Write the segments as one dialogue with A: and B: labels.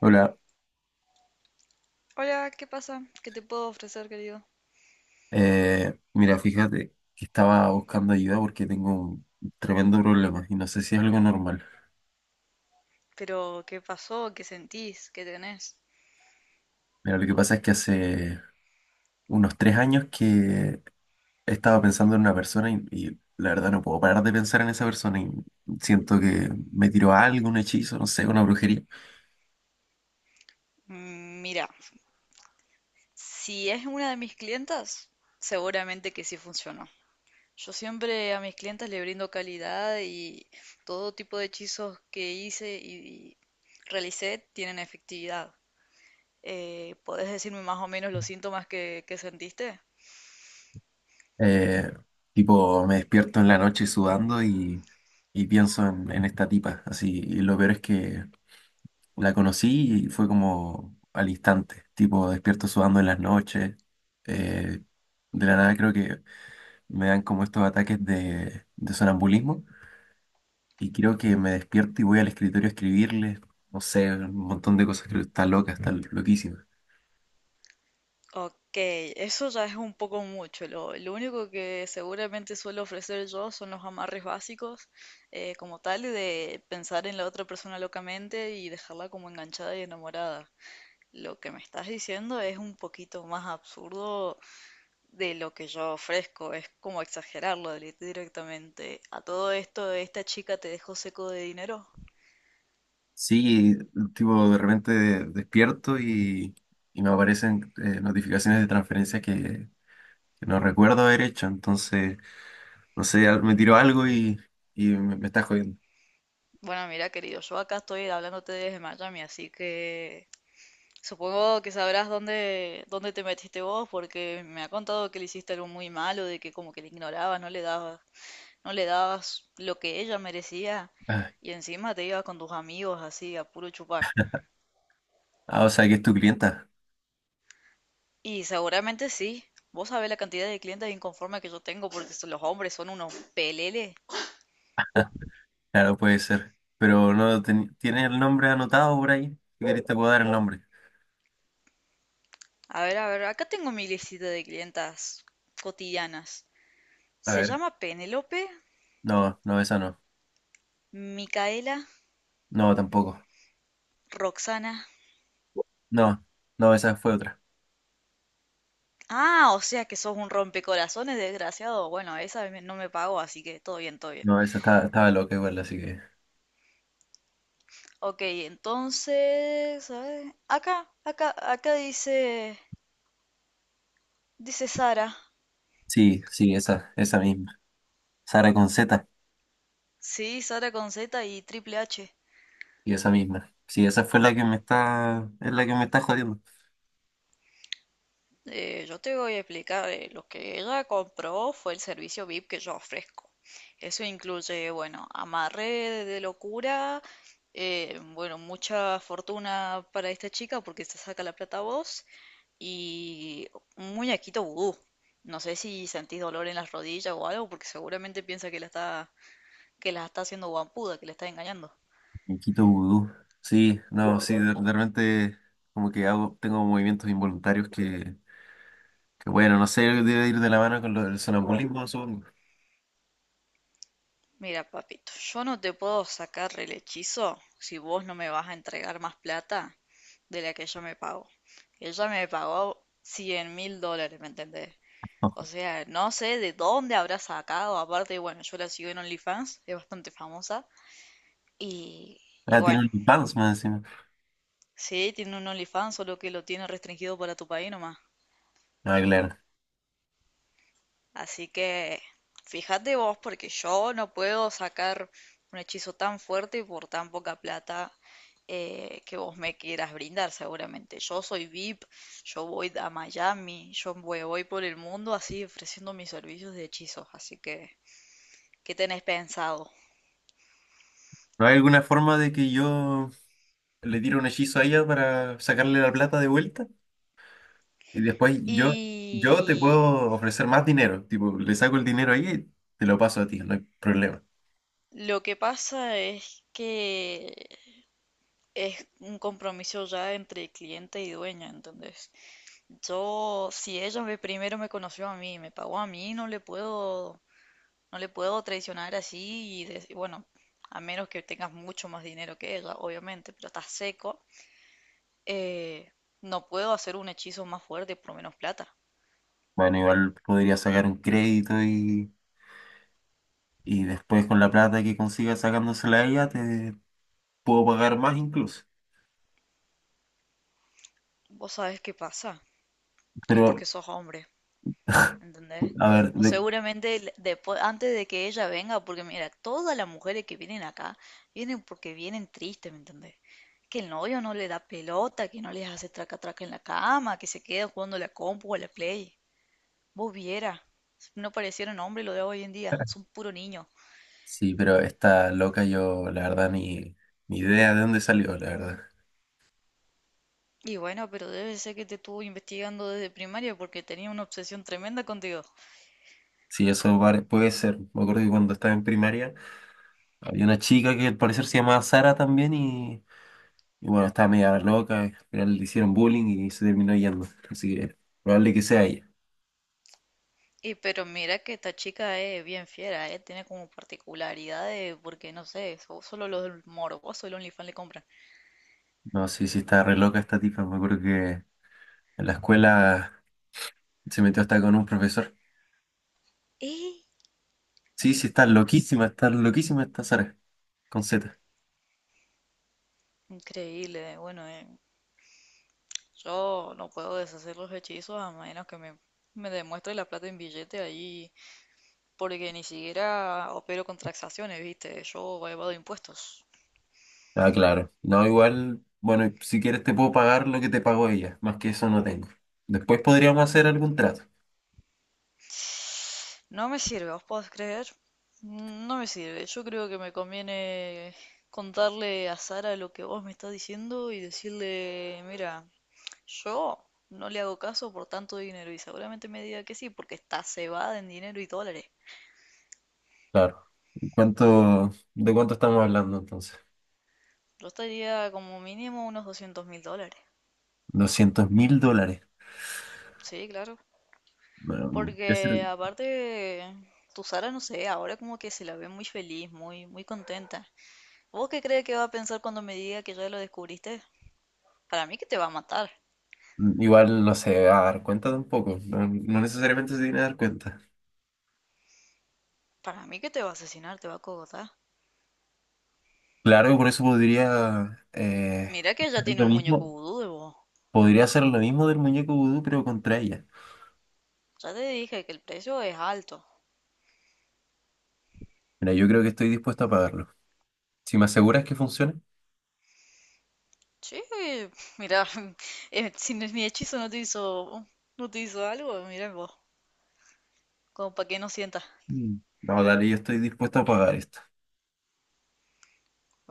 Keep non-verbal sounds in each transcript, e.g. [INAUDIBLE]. A: Hola,
B: Hola, ¿qué pasa? ¿Qué te puedo ofrecer, querido?
A: mira, fíjate que estaba buscando ayuda porque tengo un tremendo problema y no sé si es algo normal.
B: Pero, ¿qué pasó? ¿Qué sentís? ¿Qué tenés?
A: Mira, lo que pasa es que hace unos 3 años que estaba pensando en una persona y la verdad no puedo parar de pensar en esa persona y siento que me tiró algo, un hechizo, no sé, una brujería.
B: Mm, mira, si es una de mis clientas, seguramente que sí funcionó. Yo siempre a mis clientas le brindo calidad y todo tipo de hechizos que hice y realicé tienen efectividad. ¿Podés decirme más o menos los síntomas que sentiste?
A: Eh, Tipo, me despierto en la noche sudando y pienso en esta tipa, así, y lo peor es que la conocí y fue como al instante, tipo despierto sudando en las noches. eh, de la nada creo que me dan como estos ataques de sonambulismo y creo que me despierto y voy al escritorio a escribirle, no sé, un montón de cosas, creo que está loca, está loquísima.
B: Ok, eso ya es un poco mucho. Lo único que seguramente suelo ofrecer yo son los amarres básicos, como tal, de pensar en la otra persona locamente y dejarla como enganchada y enamorada. Lo que me estás diciendo es un poquito más absurdo de lo que yo ofrezco, es como directamente. A todo esto, esta chica te dejó seco de dinero.
A: Sí, tipo de repente despierto y me aparecen notificaciones de transferencias que no recuerdo haber hecho, entonces, no sé, me tiro algo y, y me está jodiendo.
B: Bueno, mira, querido, yo acá estoy hablándote desde Miami, así que... Supongo que sabrás dónde te metiste vos, porque me ha contado que le hiciste algo muy malo, de que como que le ignorabas, no le dabas lo que ella merecía,
A: Ah.
B: y encima te ibas con tus amigos así a puro chupar.
A: Ah, o sea que es tu clienta.
B: Y seguramente sí, vos sabés la cantidad de clientes inconformes que yo tengo, los hombres son unos peleles.
A: Claro, puede ser. Pero no ten- tiene el nombre anotado por ahí. Si querés te puedo dar el nombre.
B: A ver, acá tengo mi listita de clientas cotidianas.
A: A
B: Se
A: ver.
B: llama Penelope,
A: No, no, esa no.
B: Micaela,
A: No, tampoco.
B: Roxana.
A: No, no, esa fue otra.
B: Ah, o sea que sos un rompecorazones, desgraciado. Bueno, no me pagó, así que todo bien, todo bien.
A: No, esa estaba loca igual, así que.
B: Ok, entonces, a ver, acá dice Sara.
A: Sí, sí, esa misma. Sara con Z,
B: Sí, Sara con Z y Triple H.
A: y esa misma. Sí, esa fue la que me está, es la que me está jodiendo.
B: Yo te voy a explicar, lo que ella compró fue el servicio VIP que yo ofrezco. Eso incluye, bueno, amarre de locura, bueno, mucha fortuna para esta chica porque se saca la plata a vos. Y un muñequito vudú. No sé si sentís dolor en las rodillas o algo, porque seguramente piensa que la está haciendo guampuda, que la está engañando.
A: Quito vudú. Sí, no, sí, de repente como que hago, tengo movimientos involuntarios que bueno, no sé, debe ir de la mano con lo del sonambulismo, supongo.
B: Mira, papito, yo no te puedo sacar el hechizo si vos no me vas a entregar más plata de la que ella me pagó. Ella me pagó $100.000, ¿me entendés? O
A: [LAUGHS]
B: sea, no sé de dónde habrá sacado. Aparte, bueno, yo la sigo en OnlyFans, es bastante famosa. Y, y
A: Ah, tiene
B: bueno,
A: OnlyFans más encima.
B: Sí, tiene un OnlyFans, solo que lo tiene restringido para tu país nomás.
A: Ah, claro.
B: Así que fíjate vos, porque yo no puedo sacar un hechizo tan fuerte por tan poca plata que vos me quieras brindar, seguramente. Yo soy VIP, yo voy a Miami, voy por el mundo así ofreciendo mis servicios de hechizos. Así que, ¿qué tenés pensado?
A: ¿No hay alguna forma de que yo le tire un hechizo a ella para sacarle la plata de vuelta? Y después yo, yo te
B: Y
A: puedo ofrecer más dinero. Tipo, le saco el dinero a ella y te lo paso a ti, no hay problema.
B: lo que pasa es que es un compromiso ya entre cliente y dueña, ¿entendés? Yo, si ella me, primero me conoció a mí, me pagó a mí, no le puedo traicionar así bueno, a menos que tengas mucho más dinero que ella, obviamente, pero estás seco, eh, no puedo hacer un hechizo más fuerte por menos plata.
A: Bueno, igual podría sacar un crédito y después con la plata que consiga sacándosela a ella te puedo pagar más incluso.
B: ¿Vos sabés qué pasa? Es porque
A: Pero,
B: sos hombre. ¿Entendés?
A: a ver,
B: Vos seguramente después, antes de que ella venga, porque mira, todas las mujeres que vienen acá vienen porque vienen tristes, ¿me entendés? Que el novio no le da pelota, que no les hace traca traca en la cama, que se queda jugando a la compu o a la play. Vos viera, no parecieron hombres lo de hoy en día, son puro niño.
A: sí, pero esta loca yo, la verdad, ni, ni idea de dónde salió, la verdad.
B: Y bueno, pero debe ser que te estuvo investigando desde primaria porque tenía una obsesión tremenda contigo.
A: Sí, puede ser. Me acuerdo que cuando estaba en primaria había una chica que al parecer se llamaba Sara también y bueno, estaba media loca, al final le hicieron bullying y se terminó yendo. Así que probable que sea ella.
B: Y pero mira que esta chica es bien fiera, ¿eh? Tiene como particularidades, porque no sé, solo los morbosos el OnlyFans le compran.
A: No, sí, sí, está re loca esta tipa. Me acuerdo que en la escuela se metió hasta con un profesor.
B: ¡Eh!
A: Sí, sí, está loquísima esta Sara, con Z.
B: Increíble, bueno, yo no puedo deshacer los hechizos a menos que me demuestre la plata en billete ahí, porque ni siquiera opero con transacciones, ¿viste? Yo evado impuestos.
A: Ah, claro. No, igual, bueno, si quieres te puedo pagar lo que te pagó ella. Más que eso no tengo. Después podríamos hacer algún trato.
B: No me sirve, ¿os podés creer? No me sirve, yo creo que me conviene contarle a Sara lo que vos me estás diciendo y decirle, mira, yo no le hago caso por tanto dinero y seguramente me diga que sí, porque está cebada en dinero y dólares.
A: Claro. ¿Cuánto, de cuánto estamos hablando entonces?
B: Yo estaría como mínimo unos $200.000.
A: $200.000.
B: Sí, claro.
A: Bueno, es
B: Porque
A: el-
B: aparte, tu Sara, no sé, ahora como que se la ve muy feliz, muy contenta. ¿Vos qué crees que va a pensar cuando me diga que ya lo descubriste? Para mí que te va a matar.
A: Igual no se va a dar cuenta tampoco. No, no necesariamente se tiene que dar cuenta.
B: Para mí que te va a asesinar, te va a cogotar.
A: Claro, por eso podría
B: Mira que
A: hacer
B: ya tiene
A: lo
B: un muñeco
A: mismo.
B: vudú de vos.
A: Podría hacer lo mismo del muñeco vudú, pero contra ella.
B: Ya te dije que el precio es alto.
A: Mira, yo creo que estoy dispuesto a pagarlo. Si me aseguras que funciona,
B: Sí, mira, [LAUGHS] si mi hechizo no te hizo, no te hizo algo, mira vos, como para que no sientas.
A: mm, no, dale, yo estoy dispuesto a pagar esto.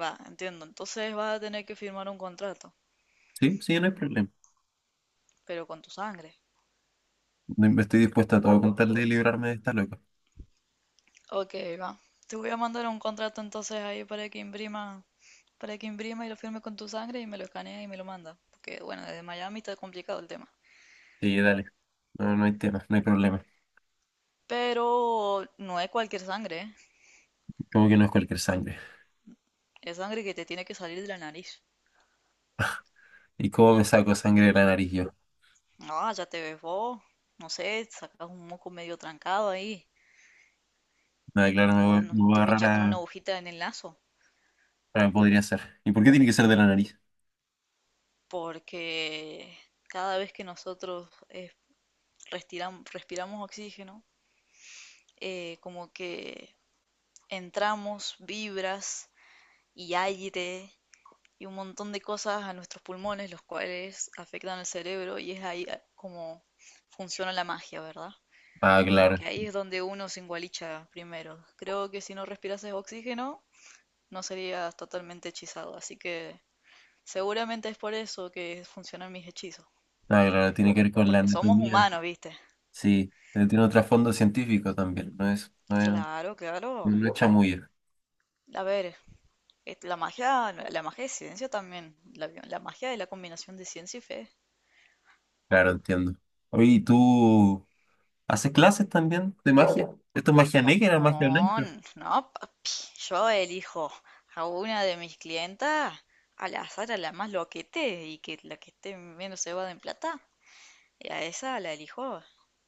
B: Va, entiendo. Entonces vas a tener que firmar un contrato,
A: Sí, sí, no hay problema.
B: pero con tu sangre.
A: Me estoy dispuesto a todo con tal de librarme de esta loca.
B: Ok, va. Te voy a mandar un contrato entonces ahí para que imprima y lo firme con tu sangre y me lo escanea y me lo manda. Porque bueno, desde Miami está complicado el tema.
A: Sí, dale. No, no hay tema, no hay problema.
B: Pero no es cualquier sangre, ¿eh?
A: Como que no es cualquier sangre.
B: Es sangre que te tiene que salir de la nariz.
A: ¿Y cómo me saco sangre de la nariz yo?
B: Ah, ya te ves vos. No sé, sacas un moco medio trancado ahí.
A: Ah, claro, me voy a
B: Te
A: agarrar
B: pincha con una
A: a...
B: agujita en el naso
A: Ah, podría ser. ¿Y por qué tiene que ser de la nariz?
B: porque cada vez que nosotros respiramos oxígeno, como que entramos vibras y aire y un montón de cosas a nuestros pulmones, los cuales afectan al cerebro y es ahí como funciona la magia, ¿verdad?
A: Ah,
B: Como
A: claro.
B: que ahí es donde uno se engualicha primero. Creo que si no respirases oxígeno, no serías totalmente hechizado, así que seguramente es por eso que funcionan mis hechizos.
A: Ah, claro, tiene que ver con la
B: Porque somos
A: anatomía.
B: humanos, ¿viste?
A: Sí, pero tiene un trasfondo científico también,
B: Claro, claro.
A: no es chamuyo.
B: A ver, la magia de ciencia también. La magia de la combinación de ciencia y fe.
A: Claro, entiendo. Oye, ¿y tú haces clases también de magia? ¿Esto es magia negra, magia blanca?
B: No, papi. Yo elijo a una de mis clientas al azar, a la más loquete y que la que esté menos cebada en plata. Y a esa la elijo.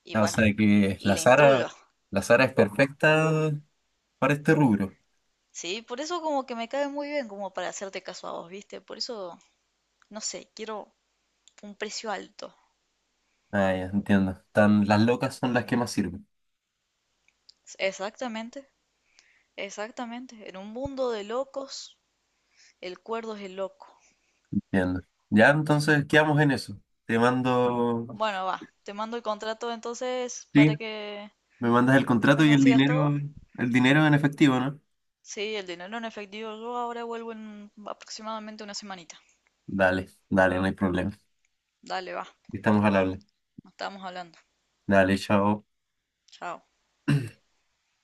B: Y
A: Ah, o
B: bueno,
A: sea que
B: y la instruyo.
A: La Sara es perfecta para este rubro.
B: Sí, por eso como que me cae muy bien como para hacerte caso a vos, ¿viste? Por eso no sé, quiero un precio alto.
A: Ah, ya, entiendo. Tan, las locas son las que más sirven.
B: Exactamente, exactamente. En un mundo de locos, el cuerdo es el loco.
A: Entiendo. Ya, entonces quedamos en eso. Te mando,
B: Bueno, va. Te mando el contrato entonces
A: sí,
B: para que
A: me mandas el
B: me
A: contrato y
B: consigas todo.
A: el dinero en efectivo, ¿no?
B: Sí, el dinero en efectivo. Yo ahora vuelvo en aproximadamente una semanita.
A: Dale, dale, no hay problema.
B: Dale, va.
A: Estamos al habla.
B: Nos estamos hablando.
A: Dale, chao.
B: Chao.